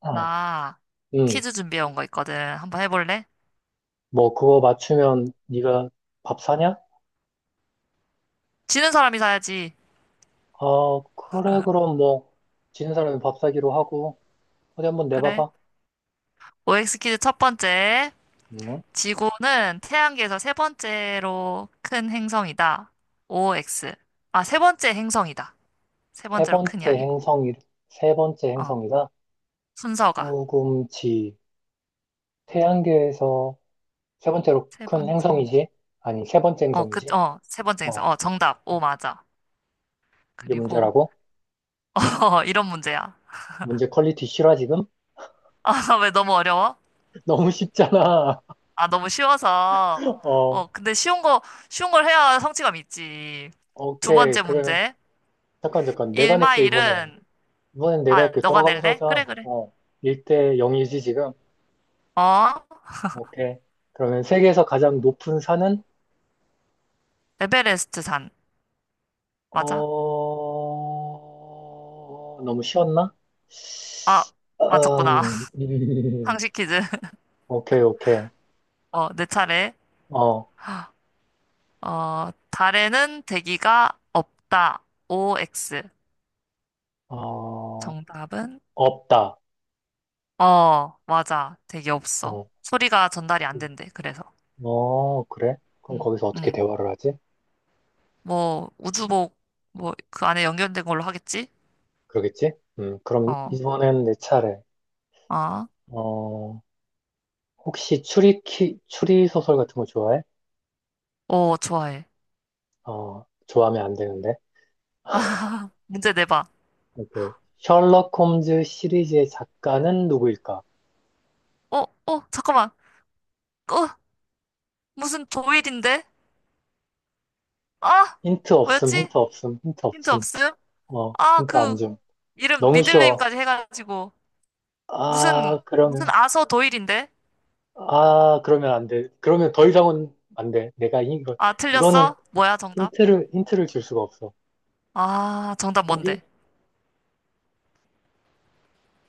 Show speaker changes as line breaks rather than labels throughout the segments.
아,
나
응.
퀴즈 준비해 온 거 있거든. 한번 해볼래?
뭐 그거 맞추면 네가 밥 사냐?
지는 사람이 사야지.
아, 그래 그럼 뭐 지는 사람이 밥 사기로 하고 어디 한번
그래.
내봐봐.
OX 퀴즈 첫 번째.
응?
지구는 태양계에서 세 번째로 큰 행성이다. OX. 아, 세 번째 행성이다. 세
세
번째로 큰이
번째
아니고.
행성이 세 번째
어,
행성이다.
순서가.
수금지 태양계에서 세 번째로
세
큰
번째. 행-
행성이지? 아니 세 번째 행성이지?
세 번째 행성.
어,
정답. 오, 맞아.
이게
그리고,
문제라고?
이런 문제야.
문제 퀄리티 싫어 지금?
왜 너무 어려워?
너무 쉽잖아.
아, 너무 쉬워서.
어,
근데 쉬운 걸 해야 성취감 있지. 두
오케이
번째
그래.
문제.
잠깐 잠깐 내가 낼게 이번엔.
1마일은,
이번엔 내가
아,
이렇게
너가
돌아가면서
낼래?
하자.
그래, 그래.
어, 1대 0이지, 지금?
어?
오케이. 그러면 세계에서 가장 높은 산은?
에베레스트 산. 맞아?
어, 너무 쉬웠나?
아,
음.
맞췄구나. 상식 퀴즈.
오케이, 오케이.
내 차례.
어,
달에는 대기가 없다. OX.
어,
정답은?
없다.
어, 맞아. 대기 없어.
어,
소리가 전달이 안 된대, 그래서.
어, 그래? 그럼
음,
거기서 어떻게
음.
대화를 하지?
뭐, 우주복, 뭐, 그 안에 연결된 걸로 하겠지?
그러겠지? 그럼
어,
이번엔 내 차례.
아,
어, 혹시 추리 소설 같은 거 좋아해?
오, 좋아해.
어, 좋아하면 안 되는데.
문제 내봐.
오케이. 셜록 홈즈 시리즈의 작가는 누구일까?
잠깐만. 어, 무슨 조일인데? 아,
힌트 없음,
뭐였지?
힌트 없음, 힌트
힌트
없음.
없음?
어,
아,
힌트 안 줌.
이름,
너무 쉬워.
미들네임까지 해가지고. 무슨,
아,
무슨
그러면.
아서 도일인데?
아, 그러면 안 돼. 그러면 더 이상은 안 돼. 내가 이거,
아,
이거는
틀렸어? 뭐야, 정답?
힌트를 줄 수가 없어.
아, 정답
포기?
뭔데?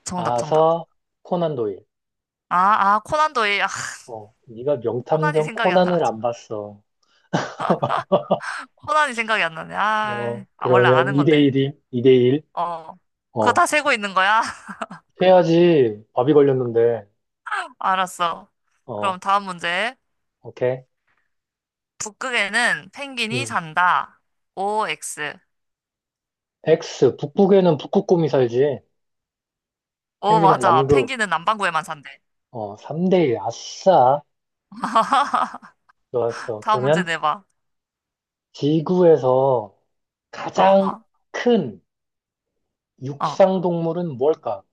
정답, 정답.
아서 코난 도일.
아, 아, 코난 도일. 아,
어, 네가
코난이
명탐정
생각이 안
코난을
나가지고.
안 봤어.
코난이 생각이 안 나네.
어,
아, 원래
그러면
아는 건데.
2대1이, 2대1.
어. 그거
어,
다 세고 있는 거야?
해야지. 밥이 걸렸는데.
알았어.
어,
그럼 다음 문제.
오케이.
북극에는 펭귄이
음.
산다. OX.
X, 북극에는 북극곰이 살지.
오,
펭귄은
맞아.
남극.
펭귄은 남반구에만 산대.
어, 3대1. 아싸. 좋았어.
다음 문제
그러면
내봐.
지구에서 가장
어,
큰
어.
육상 동물은 뭘까?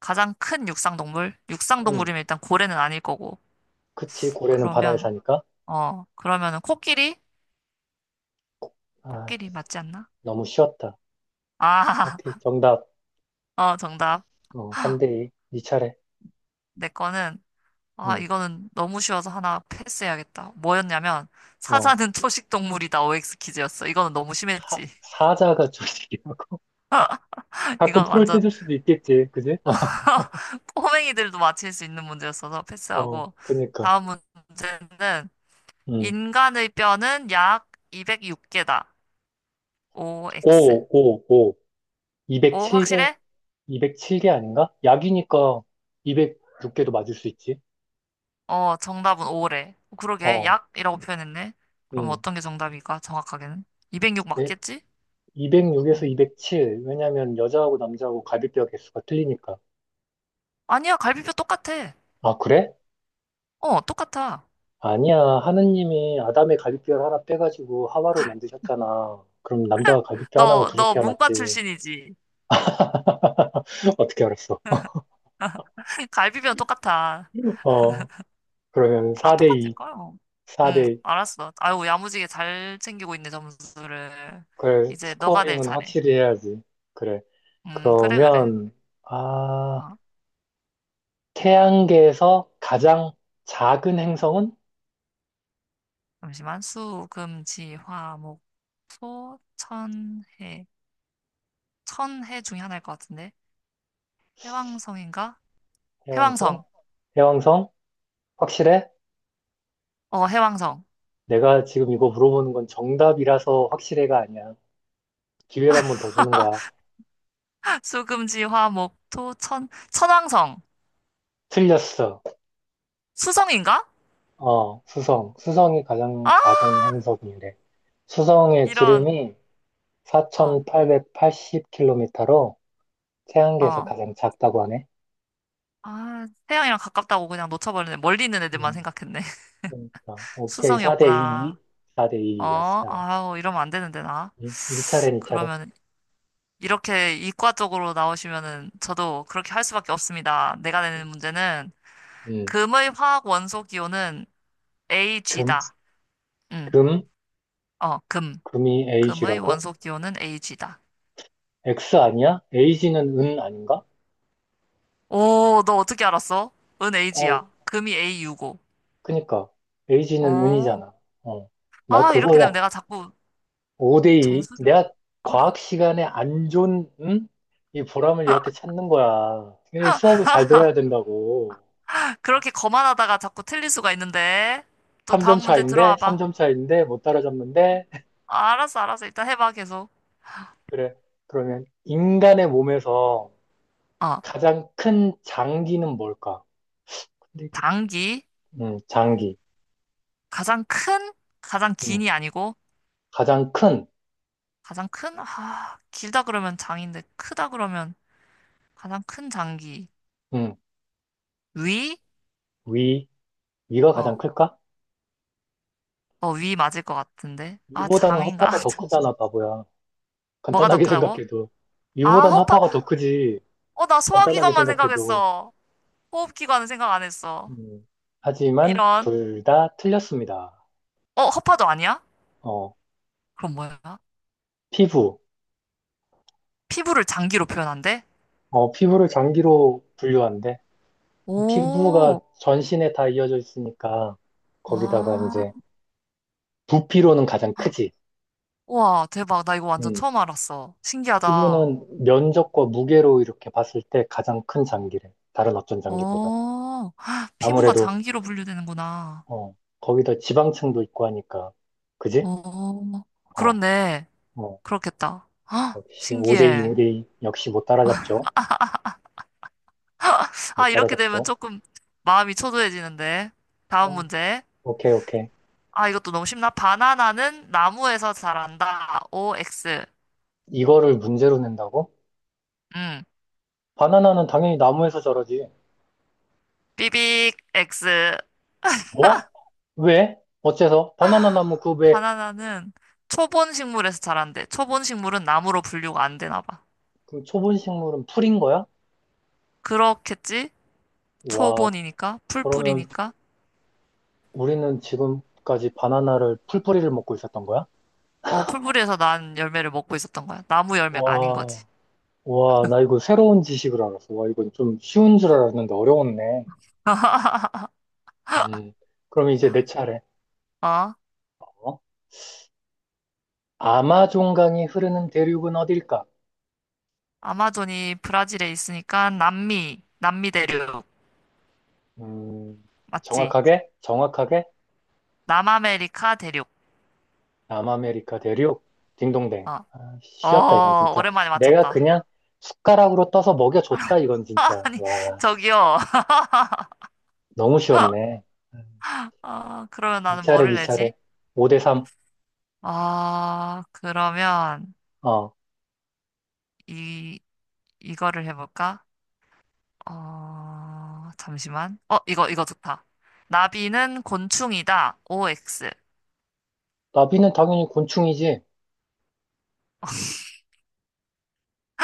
가장 큰 육상 동물? 육상
응,
동물이면 일단 고래는 아닐 거고.
그치. 고래는 바다에
그러면,
사니까.
그러면은 코끼리?
아,
코끼리 맞지 않나?
너무 쉬웠다.
아,
오케이. 정답.
정답.
어, 3대2. 네 차례.
내 거는, 아,
응,
이거는 너무 쉬워서 하나 패스해야겠다. 뭐였냐면,
어,
사자는 초식 동물이다. OX 퀴즈였어. 이거는 너무
사,
심했지.
사자가 저기라고. 가끔
이건
프로를
완전
뜯을 수도 있겠지. 그지?
꼬맹이들도 맞힐 수 있는 문제였어서
어,
패스하고.
그니까.
다음 문제는,
응,
인간의 뼈는 약 206개다.
오
OX.
오 5.
오,
207개,
확실해?
207개 아닌가? 약이니까 206개도 맞을 수 있지.
정답은 O래. 그러게,
어,
약이라고 표현했네. 그럼
음.
어떤 게 정답일까, 정확하게는? 206
네.
맞겠지?
206에서
응.
207. 왜냐면 여자하고 남자하고 갈비뼈 개수가 틀리니까.
아니야, 갈비뼈 똑같아.
아, 그래?
똑같아.
아니야. 하느님이 아담의 갈비뼈를 하나 빼가지고 하와를 만드셨잖아. 그럼 남자가 갈비뼈 하나가
너
부족해야
문과
맞지.
출신이지?
어떻게 알았어?
갈비뼈는 똑같아.
어, 그러면
다 똑같을
4대2,
거야. 응,
4대2.
알았어. 아유, 야무지게 잘 챙기고 있네, 점수를.
그래,
이제 너가 될
스코어링은
차례.
확실히 해야지. 그래.
그래, 그래.
그러면, 아,
어,
태양계에서 가장 작은 행성은?
잠시만. 수, 금, 지, 화, 목, 소, 천, 해. 천해 중에 하나일 것 같은데. 해왕성인가?
해왕성?
해왕성.
해왕성? 확실해?
해왕성.
내가 지금 이거 물어보는 건 정답이라서 확실해가 아니야. 기회를 한 번 더 주는 거야.
수금지, 화, 목, 토, 천, 천왕성.
틀렸어.
수성인가?
어, 수성. 수성이 가장
아,
작은 행성이래. 수성의
이런,
지름이
어,
4,880km로 태양계에서
어.
가장 작다고 하네.
아, 태양이랑 가깝다고 그냥 놓쳐버리네. 멀리 있는 애들만
음,
생각했네.
그러니까. 오케이. 4대 2.
수성이었구나.
4대 2였어.
아우, 이러면 안 되는데, 나.
네 차례, 네 차례.
그러면, 이렇게 이과 쪽으로 나오시면은, 저도 그렇게 할 수밖에 없습니다. 내가 내는 문제는,
음,
금의 화학 원소 기호는
금,
AG다. 응,
금.
금.
금이
금의
에이지라고?
원소 기호는 Ag다.
X 아니야? 에이지는 은 아닌가?
오, 너 어떻게 알았어? 은
어,
Ag야. 금이 AU고.
그니까. 에이지는
어.
은이잖아. 어. 나
아, 이렇게 되면
그거야.
내가 자꾸
5대2.
점수를
내가 과학 시간에 안 좋은, 응? 이 보람을 이렇게 찾는 거야. 이 수업을 잘 들어야 된다고.
그렇게 거만하다가 자꾸 틀릴 수가 있는데. 또
3점
다음 문제
차인데,
들어와 봐.
3점 차인데, 못 따라잡는데.
아, 알았어, 알았어. 일단 해봐, 계속.
그래. 그러면 인간의 몸에서
어,
가장 큰 장기는 뭘까? 근데 이게.
당기.
장기.
가장 큰? 가장
음,
긴이 아니고.
가장 큰.
가장 큰? 아, 길다 그러면 장인데, 크다 그러면 가장 큰 장기.
음,
위?
위, 이가 가장
어,
클까?
위 맞을 것 같은데. 아,
이보다는
장인가?
허파가 더
잠시만.
크잖아, 바보야.
뭐가 더
간단하게
크다고?
생각해도.
아,
이보다는
허파.
허파가 더 크지.
나
간단하게
소화기관만
생각해도.
생각했어. 호흡기관은 생각 안 했어.
음, 하지만
이런.
둘 다 틀렸습니다.
허파도 아니야?
어,
그럼 뭐야?
피부.
피부를 장기로 표현한대?
어, 피부를 장기로 분류한대. 피부가
오,
전신에 다 이어져 있으니까 거기다가
아.
이제 부피로는 가장 크지.
와, 대박. 나 이거 완전
음,
처음 알았어. 신기하다.
피부는 면적과 무게로 이렇게 봤을 때 가장 큰 장기래. 다른 어떤 장기보다.
어, 헉, 피부가
아무래도
장기로 분류되는구나.
어, 거기다 지방층도 있고 하니까. 그지?
어,
어,
그렇네.
어.
그렇겠다. 헉,
역시 5대2,
신기해.
5대2. 역시 못 따라잡죠. 못
아, 이렇게 되면
따라잡죠.
조금 마음이 초조해지는데. 다음
어,
문제.
오케이, 오케이.
아, 이것도 너무 쉽나? 바나나는 나무에서 자란다. OX.
이거를 문제로 낸다고?
응.
바나나는 당연히 나무에서 자라지.
삐빅 X.
뭐? 왜? 어째서? 바나나 나무 그 왜,
바나나는 초본 식물에서 자란대. 초본 식물은 나무로 분류가 안 되나 봐.
그 초본 식물은 풀인 거야?
그렇겠지?
와,
초본이니까,
그러면
풀뿌리니까.
우리는 지금까지 바나나를 풀뿌리를 먹고 있었던 거야?
어, 풀뿌리에서 난 열매를 먹고 있었던 거야. 나무 열매가 아닌 거지.
와, 와, 나 이거 새로운 지식을 알았어. 와, 이건 좀 쉬운 줄 알았는데 어려웠네. 음, 그럼 이제 내 차례.
어?
어? 아마존강이 흐르는 대륙은 어딜까?
아마존이 브라질에 있으니까 남미, 남미 대륙.
음,
맞지?
정확하게? 정확하게?
남아메리카 대륙.
남아메리카 대륙? 딩동댕.
어,
아, 쉬었다, 이건 진짜.
오랜만에
내가
맞췄다.
그냥 숟가락으로 떠서 먹여줬다, 이건 진짜.
아니,
와,
저기요.
너무 쉬웠네. 음,
아, 그러면
네
나는
차례,
뭐를
네
내지?
차례. 5대 3.
아, 그러면
어,
이 이거를 해볼까? 잠시만. 이거 좋다. 나비는 곤충이다. OX.
나비는 당연히 곤충이지.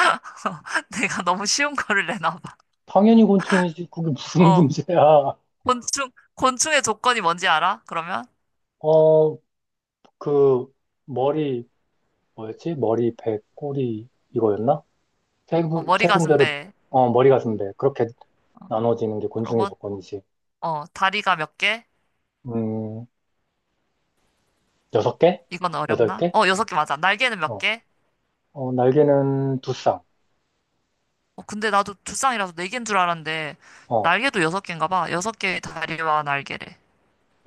내가 너무 쉬운 거를 내나 봐.
당연히 곤충이지. 그게 무슨
어,
문제야.
곤충의 조건이 뭔지 알아? 그러면
어, 그, 머리, 뭐였지? 머리, 배, 꼬리, 이거였나?
머리
세
가슴
군데를
배.
어, 머리가 준대. 그렇게 나눠지는 게 곤충의
그러고
조건이지.
다리가 몇 개?
음, 6개?
이건
여덟
어렵나?
개?
어, 여섯 개 맞아. 날개는 몇
어,
개?
어, 날개는 두 쌍.
근데 나도 두쌍이라서 네 개인 줄 알았는데
어,
날개도 여섯 개인가 봐. 여섯 개의 다리와 날개래.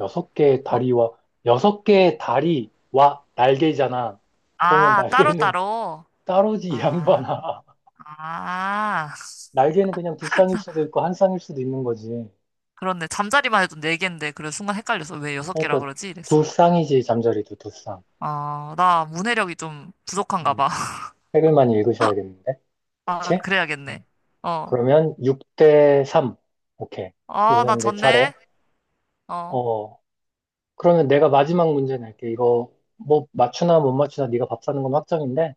여섯 개의
막,
다리와, 여섯 개의 다리와 날개잖아. 그러면
아,
날개는
따로따로?
따로지, 이
아,
양반아.
아,
날개는 그냥 두 쌍일 수도 있고, 한 쌍일 수도 있는 거지.
그렇네. 잠자리만 해도 네개인데 그래, 순간 헷갈려서 왜 여섯 개라
그러니까
그러지? 이랬어.
두 쌍이지, 잠자리도 두 쌍.
아, 나 문해력이 좀 부족한가
음,
봐.
책을 많이 읽으셔야겠는데?
아,
그치?
그래야겠네.
음.
어.
그러면 6 대 3. 오케이.
아, 나
이번엔 내 차례.
졌네. 어.
어, 그러면 내가 마지막 문제 낼게. 이거 뭐 맞추나 못 맞추나 네가 밥 사는 건 확정인데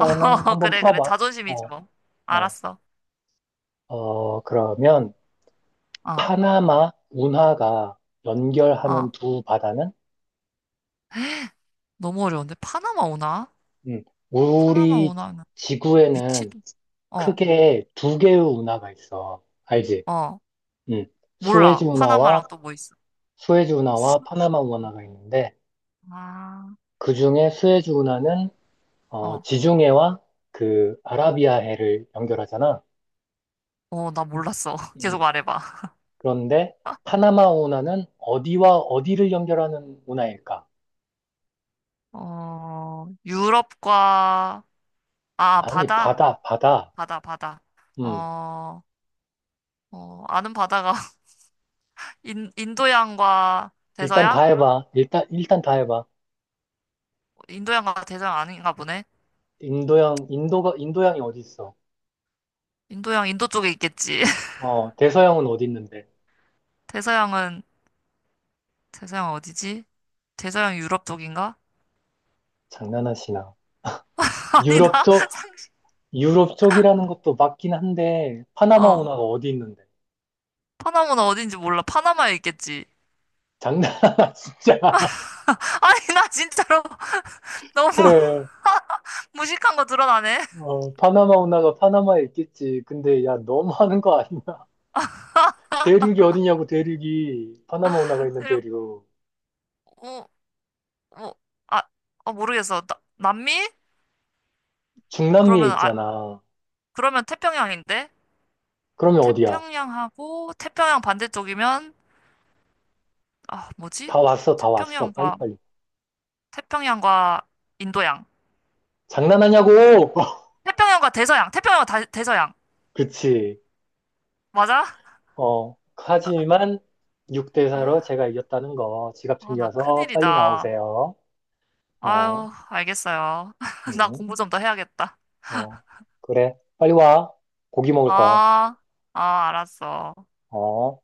어,
한번
그래, 그래.
풀어봐.
자존심이지,
어,
뭐.
어,
알았어.
그러면
아,
파나마 운하가 연결하는
아.
두 바다는.
너무 어려운데? 파나마 오나?
음,
파나마
우리
오나는
지구에는
위치도, 어,
크게 두 개의 운하가 있어. 알지?
어.
음, 수에즈
몰라.
운하와
파나마랑 또 뭐 있어?
수에즈
수-
운하와 파나마 운하가 있는데,
아,
그 중에 수에즈 운하는
어,
지중해와 그
어.
아라비아해를 연결하잖아.
나 몰랐어. 계속
음.
말해봐.
그런데 파나마 운하는 어디와 어디를 연결하는 운하일까?
유럽과, 아,
아니,
바다?
바다, 바다.
바다, 바다.
음,
어, 아는 바다가 인도양과
일단 다
대서양?
해봐. 일단 다 해봐.
인도양과 대서양 아닌가 보네.
인도양, 인도양이 어디 있어?
인도양, 인도 쪽에 있겠지.
어, 대서양은 어디 있는데?
대서양은, 대서양 어디지? 대서양 유럽 쪽인가?
장난하시나.
아니,
유럽
나
쪽,
상식,
유럽 쪽이라는 것도 맞긴 한데, 파나마
어.
운하가 어디 있는데?
파나마는 어딘지 몰라. 파나마에 있겠지.
장난하나, 진짜.
아니, 나 진짜로 너무
그래.
무식한 거 드러나네.
어, 파나마 운하가 파나마에 있겠지. 근데 야, 너무 하는 거 아니야? 대륙이 어디냐고, 대륙이. 파나마 운하가 있는
그리고,
대륙.
어, 어, 아, 아, 모르겠어. 남미?
중남미에
그러면 아,
있잖아.
그러면 태평양인데?
그러면 어디야?
태평양하고 태평양 반대쪽이면 아, 뭐지?
다 왔어, 다 왔어.
태평양과
빨리빨리.
태평양과 인도양.
장난하냐고!
태평양과 대서양. 태평양과 다- 대서양.
그치.
맞아?
어, 하지만 6대4로
아,
제가 이겼다는 거. 지갑
나
챙겨와서 빨리
큰일이다.
나오세요. 어,
아유, 알겠어요. 나
응,
공부 좀 더 해야겠다.
어. 그래. 빨리 와. 고기 먹을 거야.
아, 아, 알았어.
어.